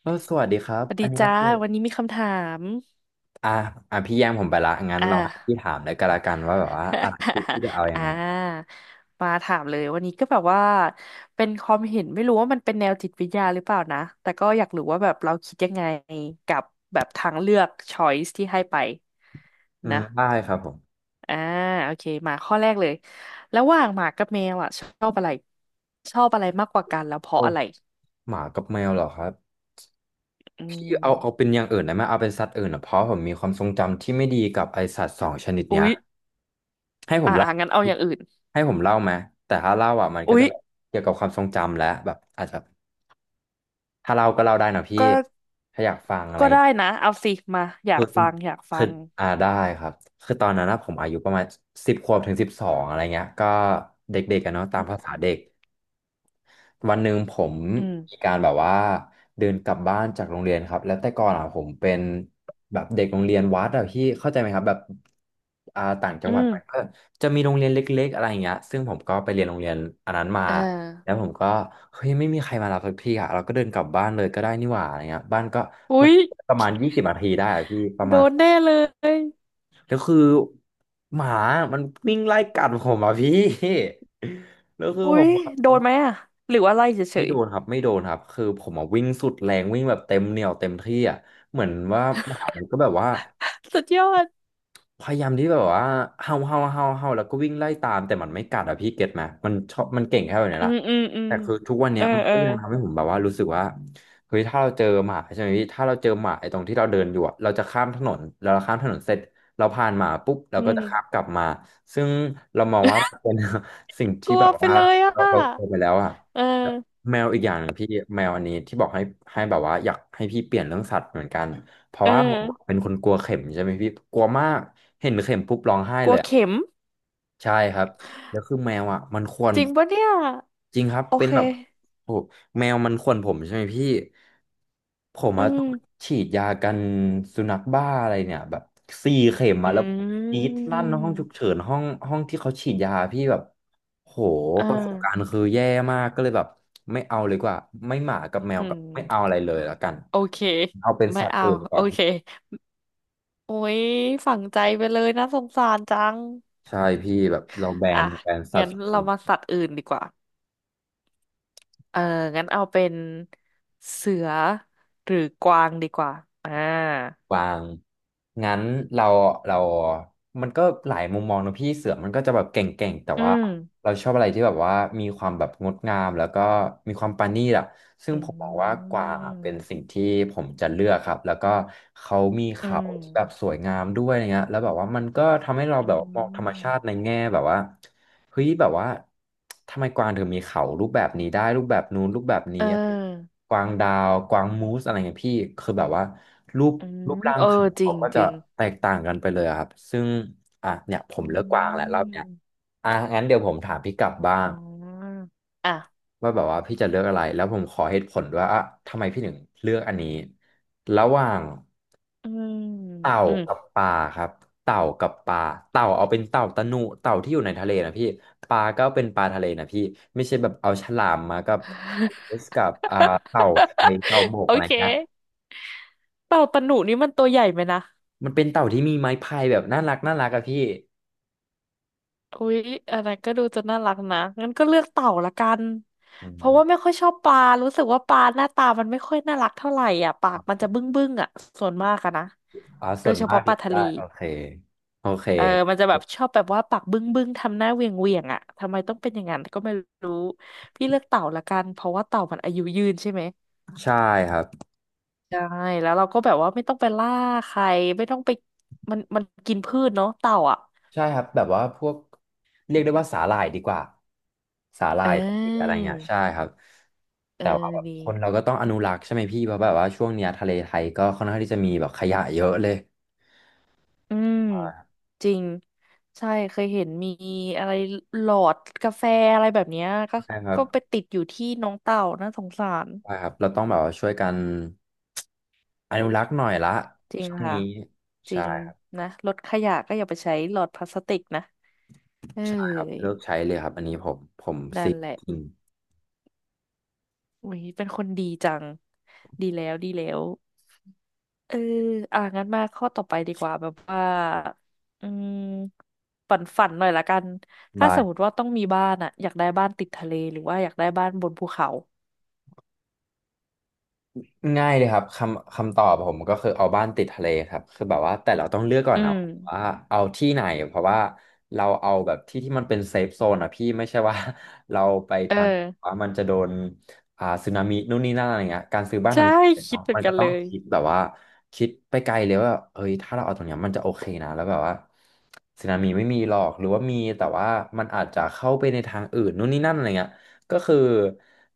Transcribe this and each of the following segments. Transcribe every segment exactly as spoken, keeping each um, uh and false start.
เออสวัสดีครับ สวัสอัดีนนี้ก็จ้าคือวันนี้มีคำถามอ่ะอ่ะพี่แย่งผมไปละงั้นอ่า เราหาที่ถามแล้วก็แล้กันว่าแบบว่าอ่ะพี่พี่ จะเอายังอ่าไงครับมาถามเลยวันนี้ก็แบบว่าเป็นความเห็นไม่รู้ว่ามันเป็นแนวจิตวิทยาหรือเปล่านะแต่ก็อยากรู้ว่าแบบเราคิดยังไงกับแบบทางเลือก choice ที่ให้ไปอืมนะได้ครับผมอ่าโอเคมาข้อแรกเลยระหว่างหมากับแมวอ่ะชอบอะไรชอบอะไรมากกว่ากันแล้วเพราะโอ้อะไรหมากับแมวเหรอครับอืพี่เอาเอามเป็นอย่างอื่นได้ไหมเอาเป็นสัตว์อื่นอ่ะเพราะผมมีความทรงจำที่ไม่ดีกับไอสัตว์สองชนิดเนี้อุ๊ยยให้ผมอ่าเล่าอ่างั้นเอาอย่างอื่นให้ผมเล่าไหมแต่ถ้าเล่าอ่ะมันก็อุ๊จะยแบบเกี่ยวกับความทรงจำและแบบอาจจะถ้าเล่าก็เล่าได้นะพี่ก็ ถ้าอยากฟังอะไร ก็ได้นะเอาสิมาอยาคือกฟังอยากคืฟัองอ่าได้ครับคือตอนนั้นนะผมอายุประมาณสิบขวบถึงสิบสองอะไรเงี้ยก็เด็กๆกันเนาะตาอืมภามษาเด็กวันหนึ่งผมอืมมีการแบบว่าเดินกลับบ้านจากโรงเรียนครับแล้วแต่ก่อนอ่ะผมเป็นแบบเด็กโรงเรียนวัดอะพี่เข้าใจไหมครับแบบอ่าต่างจัอืงหวัดไปก็มจะมีโรงเรียนเล็กๆอะไรเงี้ยซึ่งผมก็ไปเรียนโรงเรียนอันนั้นมาเอแล้อวผมก็เฮ้ยไม่มีใครมารับสักทีอ่ะเราก็เดินกลับบ้านเลยก็ได้นี่หว่าอะไรเงี้ยบ้านก็มัอุ๊นยประมาณยี่สิบนาทีได้อะพี่ประโดมาณ นแน่เลยแล้วคือหมามันวิ่งไล่กัดผมอ่ะพี่ แล้วคืออุ๊ผยมอะโดนไหมอ่ะหรือว่าไล่เฉไม่ยโดนครับไม่โดนครับคือผมอ่ะวิ่งสุดแรงวิ่งแบบเต็มเหนี่ยวเต็มที่อ่ะเหมือนว่าหมามันก็แบบว่า ๆ สุดยอดพยายามที่แบบว่าเฮาเฮาเฮาเฮาแล้วก็วิ่งไล่ตามแต่มันไม่กัดอะพี่เก็ตไหมมันชอบมันเก่งแค่แบบนี้อืละมอืมอืมแต่คือทุกวันเนี้เอยอมันเออก็ยังทำให้ผมแบบว่ารู้สึกว่าเฮ้ยถ้าเราเจอหมาใช่ไหมพี่ถ้าเราเจอหมาไอ้ตรงที่เราเดินอยู่อะเราจะข้ามถนนแล้วเราข้ามถนนเสร็จเราผ่านหมาปุ๊บเราอืก็มจะข้ามกลับมาซึ่งเรามองว่าเป็น สิ่งกที่ลัแบวบไปว่าเลยอ่ะเราเราเคยไปแล้วอะเออแมวอีกอย่างหนึ่งพี่แมวอันนี้ที่บอกให้ให้แบบว่าอยากให้พี่เปลี่ยนเรื่องสัตว์เหมือนกัน เพราะเออว่าผมเป็นคนกลัวเข็มใช่ไหมพี่กลัวมากเห็นเข็มปุ๊บร้องไห้กเลลัวยอะเข็มใช่ครับแล้วคือแมวอ่ะมันข่วนจริผงมปะเนี่ยจริงครับโอเป็นเคแบบโอ้โหแมวมันข่วนผมใช่ไหมพี่ผมอือะมต้องฉีดยากันสุนัขบ้าอะไรเนี่ยแบบสี่เข็มมาอืแล้วผมกรีดมลั่นห้องฉุกเฉินห้องห้องที่เขาฉีดยาพี่แบบโหอ่ประสบการณ์าคือแย่มากก็เลยแบบไม่เอาเลยดีกว่าไม่หมากับแมอืวกัมบไม่เอาอะไรเลยละกันโอเคเอาเป็นไม่สัตว์เอาอื่นดีกโอว่า เค โอ้ยฝังใจไปเลยนะสงสารจังใช่พี่แบบเราแบอ่ะนแบนสัตงั้นว์ส่เราวนมาสัตว์อื่นดีกว่าเอองั้นเอาเป็นเสือหรือกวางดีกว่าอ่ากวางงั้นเราเรามันก็หลายมุมมองนะพี่เสือมันก็จะแบบเก่งๆแต่อืว่ามเราชอบอะไรที่แบบว่ามีความแบบงดงามแล้วก็มีความปราณีตอะซึ่งอืผมมองว่ากว่าเป็นมสิ่งที่ผมจะเลือกครับแล้วก็เขามีอืเขาที่แบบมสวยงามด้วยอะไรเงี้ยแล้วแบบว่ามันก็ทำให้เราอืแบบมองธรรมมชาติในแง่แบบว่า เฮ้ยแบบว่าทำไมกวางถึงมีเขารูปแบบนี้ได้รูปแบบนู้นรูปแบบนี้เออะไรอกวางดาวกวางมูสอะไรเงี้ยพี่คือแบบว่ารูปอืรูมปร่างเออเขาจริเขางก็จจะริงแตกต่างกันไปเลยอะครับซึ่งอ่ะเนี่ยผอืมเลือกกวางแหละรอบเนี้ยมอ่ะงั้นเดี๋ยวผมถามพี่กลับบ้างอ๋ออ่ะว่าแบบว่าพี่จะเลือกอะไรแล้วผมขอเหตุผลด้วยอ่ะทำไมพี่ถึงเลือกอันนี้ระหว่าง อืมเต่าอืม กับปลาครับเต่ากับปลาเต่าเอาเป็นเต่าตะหนุเต่าที่อยู่ในทะเลนะพี่ปลาก็เป็นปลาทะเลนะพี่ไม่ใช่แบบเอาฉลามมากับเอสกับอ่าเต่าไทยเต่าบ กโออะไรเคนะเต่าตะหนุนี่มันตัวใหญ่ไหมนะ มันเป็นเต่าที่มีไม้พายแบบน่ารักน่ารักอะพี่อุ๊ยอะไรก็ดูจะน่ารักนะงั้นก็เลือกเต่าละกันอืเพมราะว่าไม่ค่อยชอบปลารู้สึกว่าปลาหน้าตามันไม่ค่อยน่ารักเท่าไหร่อ่ะปากมันจะบึ้งบึ้งอ่ะส่วนมากอะนะอ๋อโดส่วยนเฉมาพาะกปเลลายทะเลได้โอเคโอเคเออมันจะแบบชอบแบบว่าปากบึ้งบึ้งทำหน้าเหวียงเวียงอ่ะทำไมต้องเป็นอย่างนั้นก็ไม่รู้พี่เลือกเต่าละกันเพราะว่าเต่ามันอายุยืนใช่ไหมใช่ครับ ใช่แล้วเราก็แบบว่าไม่ต้องไปล่าใครไม่ต้องไปมันมันกินพืชเนาะเต่าอ่ะใช่ครับแบบว่าพวกเรียกได้ว่าสาหร่ายดีกว่าสาหร่าเอยอะไรอเงี้ยใช่ครับเอแต่ว่าอแบบดี คนเราก็ต้องอนุรักษ์ใช่ไหมพี่เพราะแบบว่าช่วงเนี้ยทะเลไทยก็ค่อนข้างที่จะมีแบบขยะเยอะเลยอืมอ่าจริงใช่เคยเห็นมีอะไรหลอดกาแฟอะไรแบบเนี้ยก็ใช่ครับก็ไปติดอยู่ที่น้องเต่าน่าสงสารใช่ครับเราต้องแบบว่าช่วยกันอนุรักษ์หน่อยละจริงช่วงค่ะนี้จริใช่งครับนะรถขยะก็อย่าไปใช้หลอดพลาสติกนะเอ้ใช่ครับยเลิกใช้เลยครับอันนี้ผมผมนั่ซินกแหละจริงอุ้ยเป็นคนดีจังดีแล้วดีแล้วเอออ่ะงั้นมาข้อต่อไปดีกว่าแบบว่าอืมฝันฝันหน่อยละกันถ้าได้ สมมติว่าต้องมีบ้านอะอยากได้บ้านติดทะเลหรือว่าอยากได้บ้านบนภูเขา ง่ายเลยครับคำคำตอบผมก็คือเอาบ้านติดทะเลครับคือแบบว่าแต่เราต้องเลือกก่อนอืนะม ว่าเอาที่ไหนเพราะว่าเราเอาแบบที่ที่มันเป็นเซฟโซนอ่ะพี่ไม่ใช่ว่า เราไปเออ ทางว่ามันจะโดนอ่าสึนามินู่นนี่นั่นอะไรเงี้ยการซื้อบ้านทาใช่งคิดเเนาะเหมือมันนกัก็นต้อเลงยคิดแบบว่าคิดไปไกลเลยว่าเอ้ยถ้าเราเอาตรงเนี้ยมันจะโอเคนะแล้วแบบว่าสึนามิไม่มีหรอกหรือว่ามีแต่ว่ามันอาจจะเข้าไปในทางอื่นนู่นนี่นั่นอะไรเงี้ย ก็คือ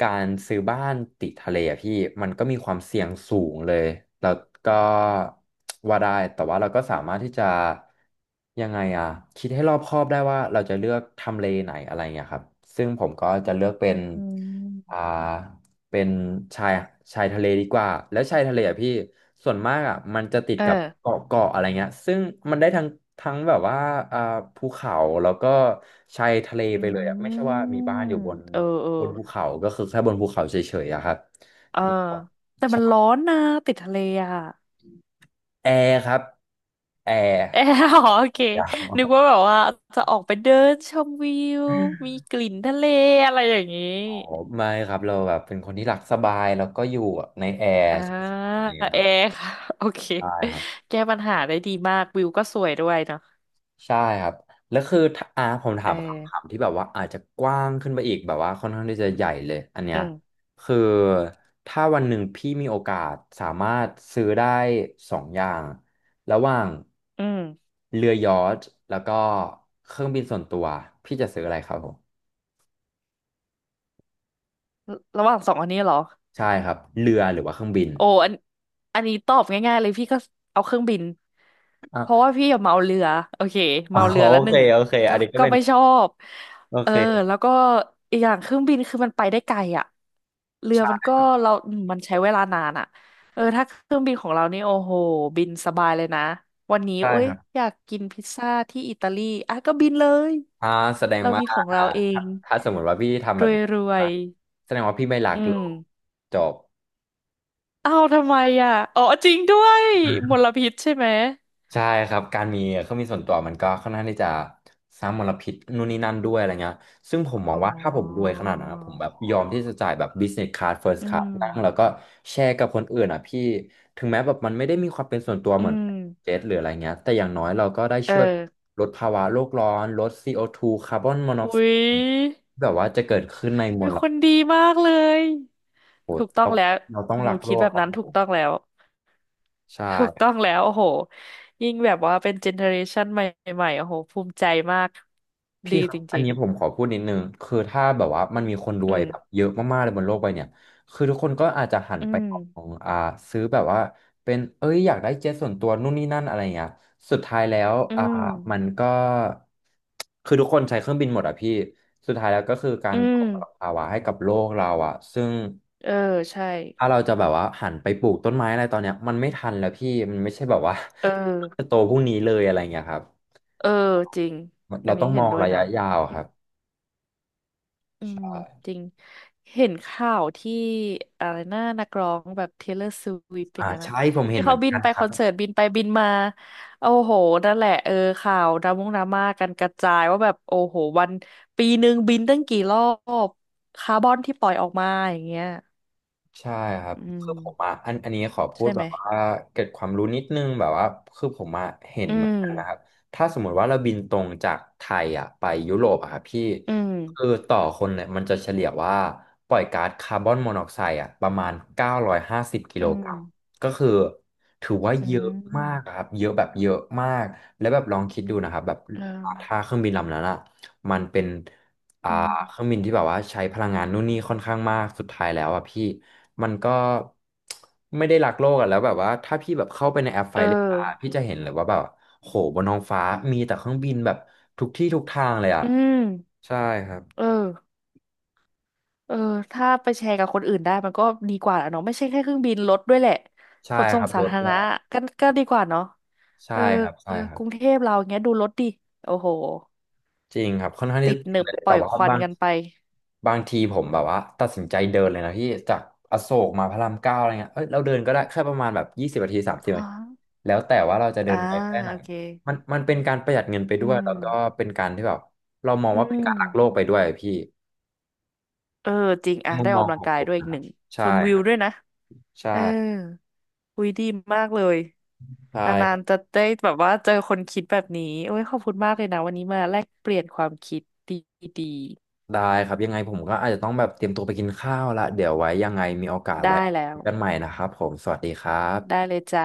การซื้อบ้านติดทะเลอะพี่มันก็มีความเสี่ยงสูงเลยแล้วก็ว่าได้แต่ว่าเราก็สามารถที่จะยังไงอะคิดให้รอบคอบได้ว่าเราจะเลือกทำเลไหนอะไรเงี้ยครับซึ่งผมก็จะเลือกเป็นอือ่า มเป็นชายชายทะเลดีกว่าแล้วชายทะเลอ่ะพี่ส่วนมากอ่ะมันจะติดเอกับอเกาะเกาะอะไรเงี้ยซึ่งมันได้ทั้งทั้งแบบว่าอ่าภูเขาแล้วก็ชายทะเลอืไปเลยอ่ะไม่ใช่ว่ามีมบ้านอยู่บนเออ เออบนภูเขาก็คือแค่บนภูเขาเฉยๆอะครับเออแล้วก็แต่มันร้อนนะติดทะเลอ่ะแอร์ครับแอร์เอออ๋อโอเค ยาวมานึกกว่าแบบว่าจะออกไปเดินชมวิว มีกลิ่นทะเลอะไรอย่างนี้อ๋อไม่ครับเราแบบเป็นคนที่รักสบายแล้วก็อยู่ในแอร์อ่าอะไรอย่างเงี้ยเอครับร์ค่ะ โอเค ใช่ครับ แก้ปัญหาได้ดีมากวิวก็สวยด้วยเนาะใช่ครับแล้วคือถ้าอ่าผมถาเออมคำถามที่แบบว่าอาจจะกว้างขึ้นไปอีกแบบว่าค่อนข้างที่จะใหญ่เลยอันเนี้อืยม คือถ้าวันหนึ่งพี่มีโอกาสสามารถซื้อได้สองอย่างระหว่างอืม เรือยอชท์แล้วก็เครื่องบินส่วนตัวพี่จะซื้ออะไรครับผมระหว่างสองอันนี้เหรอ ใช่ครับเรือหรือว่าเครื่องบิน โอ้อันอันนี้ตอบง่ายๆเลยพี่ก็เอาเครื่องบิน เพราะอ่ะว่าพี่อะเมาเรือโอเคอ๋อเมาเรือโอละหเคนึ่งโอเคอัก็นนี้ก็ก็เป็นไม่ชอบโอเออเคแล้วก็อีกอย่างเครื่องบินคือมันไปได้ไกลอ่ะเรือมันใช่ก็เราอืมมันใช้เวลานานอ่ะเออถ้าเครื่องบินของเรานี่โอ้โหบินสบายเลยนะวันนี้ใช่โอ๊คยรับ อยากกินพิซซ่าที่อิตาลีอ่ะก็บินเลยอ่าแสดงเราว่ามีของอ่าเราเอถ้างถ้าสมมติว่าพี่ทำแบบนี้รวนะยแสดงว่าพี่ไม่รัๆกอืโลม กจบอ้าวทำไมอ่ะอ๋อจริงด้วยมลพิษใช่ไหมใช่ครับการมีเครื่องบินส่วนตัวมันก็ค่อนข้างที่จะสร้างมลพิษนู่นนี่นั่นด้วยอะไรเงี้ยซึ่งผมมออ๋งอว่าถ้าผมรวยขนาดนั้นนะผมแบบยอมที่จะจ่ายแบบ business class first อื class มนั่งแล้วก็แชร์กับคนอื่นอ่ะพี่ถึงแม้แบบมันไม่ได้มีความเป็นส่วนตัวอืเหมือนมเจ็ตหรืออะไรเงี้ยแต่อย่างน้อยเราก็ได้เออช่วยลดภาวะโลกร้อนลด ซี โอ ทู คาร์บอนมอนอกอุ๊ไซยด์แบบว่าจะเกิดขึ้นในมเป็นล คนดีมากเลยโหถูกต้องเราแล้วเราต้องหนูรักโลคิดกแบบครับนั้นถูผกต้องมแล้วใช่ถูกต้องแล้วโอ้โหยิ่งแบบว่าเป็นเจเนอเรชันใหม่ๆโอ้โหภูมิใจมากพี่ดีครัจบอันริงนี้ผมขอพูดนิดนึงคือถ้าแบบว่ามันมีคนรๆอืวยมแบบเยอะมากๆเลยบนโลกใบเนี่ยคือทุกคนก็อาจจะหันอืไปมของอ่าซื้อแบบว่าเป็นเอ้ยอยากได้เจ็ตส่วนตัวนู่นนี่นั่นอะไรเงี้ยสุดท้ายแล้วอือ่ามมันก็คือทุกคนใช้เครื่องบินหมดอ่ะพี่สุดท้ายแล้วก็คือกาอืรก่มอมลภาวะให้กับโลกเราอ่ะซึ่งเออใช่ถ้าเราจะแบบว่าหันไปปลูกต้นไม้อะไรตอนเนี้ยมันไม่ทันแล้วพี่มันไม่ใช่แบบว่า เออ จะโตพรุ่งนี้เลยอะไรเงี้ยครับ เออจริงอัเรานนี้ต้องมเห็นองด้วยระนะ ยะยาวครับอืมใช่จริงเห็นข่าวที่อะไรนะนักร้องแบบ เทย์เลอร์ สวิฟต์ ออ่าย่างนั้นอะใช่ผมเห็ที่นเหมืเขาอนบินกันไปคครัอนบ เสิร์ตบินไปบินมาโอ้โหนั่นแหละเออข่าวดราม่งดราม่ากันกระจายว่าแบบโอ้โหวันปีหนึ่งบินตั้งกี่รอบคาร์บอนที่ปล่อยออกมาอย่างเงี้ยใช่ครับอืคือผมมอาะอันอันนี้ขอพูดใช่แบไหมบว่าเกร็ดความรู้นิดนึงแบบว่าคือผมอ่ะเห็นอืเหมือนมกันนะครับถ้าสมมุติว่าเราบินตรงจากไทยอ่ะไปยุโรปอ่ะครับพี่อืมคือต่อคนเนี่ยมันจะเฉลี่ยว่าปล่อยก๊าซคาร์บอนมอนอกไซด์อ่ะประมาณเก้าร้อยห้าสิบกิอืโลกมรัมก็คือถือว่าอืเยอะมากมอะครับเยอะแบบเยอะมากแล้วแบบลองคิดดูนะครับแบบเออถ้าเครื่องบินลำนั้นอ่ะมันเป็นอ่าอืเครื่องมบินที่แบบว่าใช้พลังงานนู่นนี่ค่อนข้างมากสุดท้ายแล้วอ่ะพี่ มันก็ไม่ได้รักโลกอะแล้วแบบว่าถ้าพี่แบบเข้าไปในแอปไฟเออเลยาพี่จะเห็นเลยว่าแบบโหบนท้องฟ้ามีแต่เครื่องบินแบบทุกที่ทุกทางเลยอ่ะอืมใช่ครับเออ เออถ้าไปแชร์กับคนอื่นได้มันก็ดีกว่าแหละเนาะไม่ใช่แค่เครื่องบินรถด้วยแหละขใช่นคส่งรับสารถธารด้วณะยก็ก็ดีกว่าเนาะใช่เออครับเอใช่อครักรุงเทบ พเราอย่างเงี้ยดูรถดิโอ้โหจริงครับค่อนข้างที่ติจะดหติดนึบเลยปแต่ล่อยว่าควันบางกันไปบางทีผมแบบว่าตัดสินใจเดินเลยนะพี่จากอโศกมาพระรามเก้าอะไรเงี้ยเอ้ยเราเดินก็ได้แค่ประมาณแบบยี่สิบนาทีสามสิบนาฮะทีแล้วแต่ว่าเราจะเดิอ่านไปแค่ไหนโอเคมันมันเป็นการประหยัดเงินไปอืด้วยแล้วก็มเป็นการที่แบบเรามองอืว่าเป็นมการรักโลกไปด้วยพี่เออจริงในอ่ะมุได้มอมอกองกำขลังองกาผยมด้วยอีนะกคหรับนึ่งใช่ชมวิควรับด้วยนะใช่เออคุยดีมากเลยใช่นาครันๆจะบได้แบบว่าเจอคนคิดแบบนี้โอ้ยขอบคุณมากเลยนะวันนี้มาแลกเปลี่ยนความคิดดีได้ครับยังไงผมก็อาจจะต้องแบบเตรียมตัวไปกินข้าวละเดี๋ยวไว้ยังไงมีโอกาสๆไว้ได้แล้คุว ยกันใหม่นะครับผมสวัสดีครัได้บเลยจ้า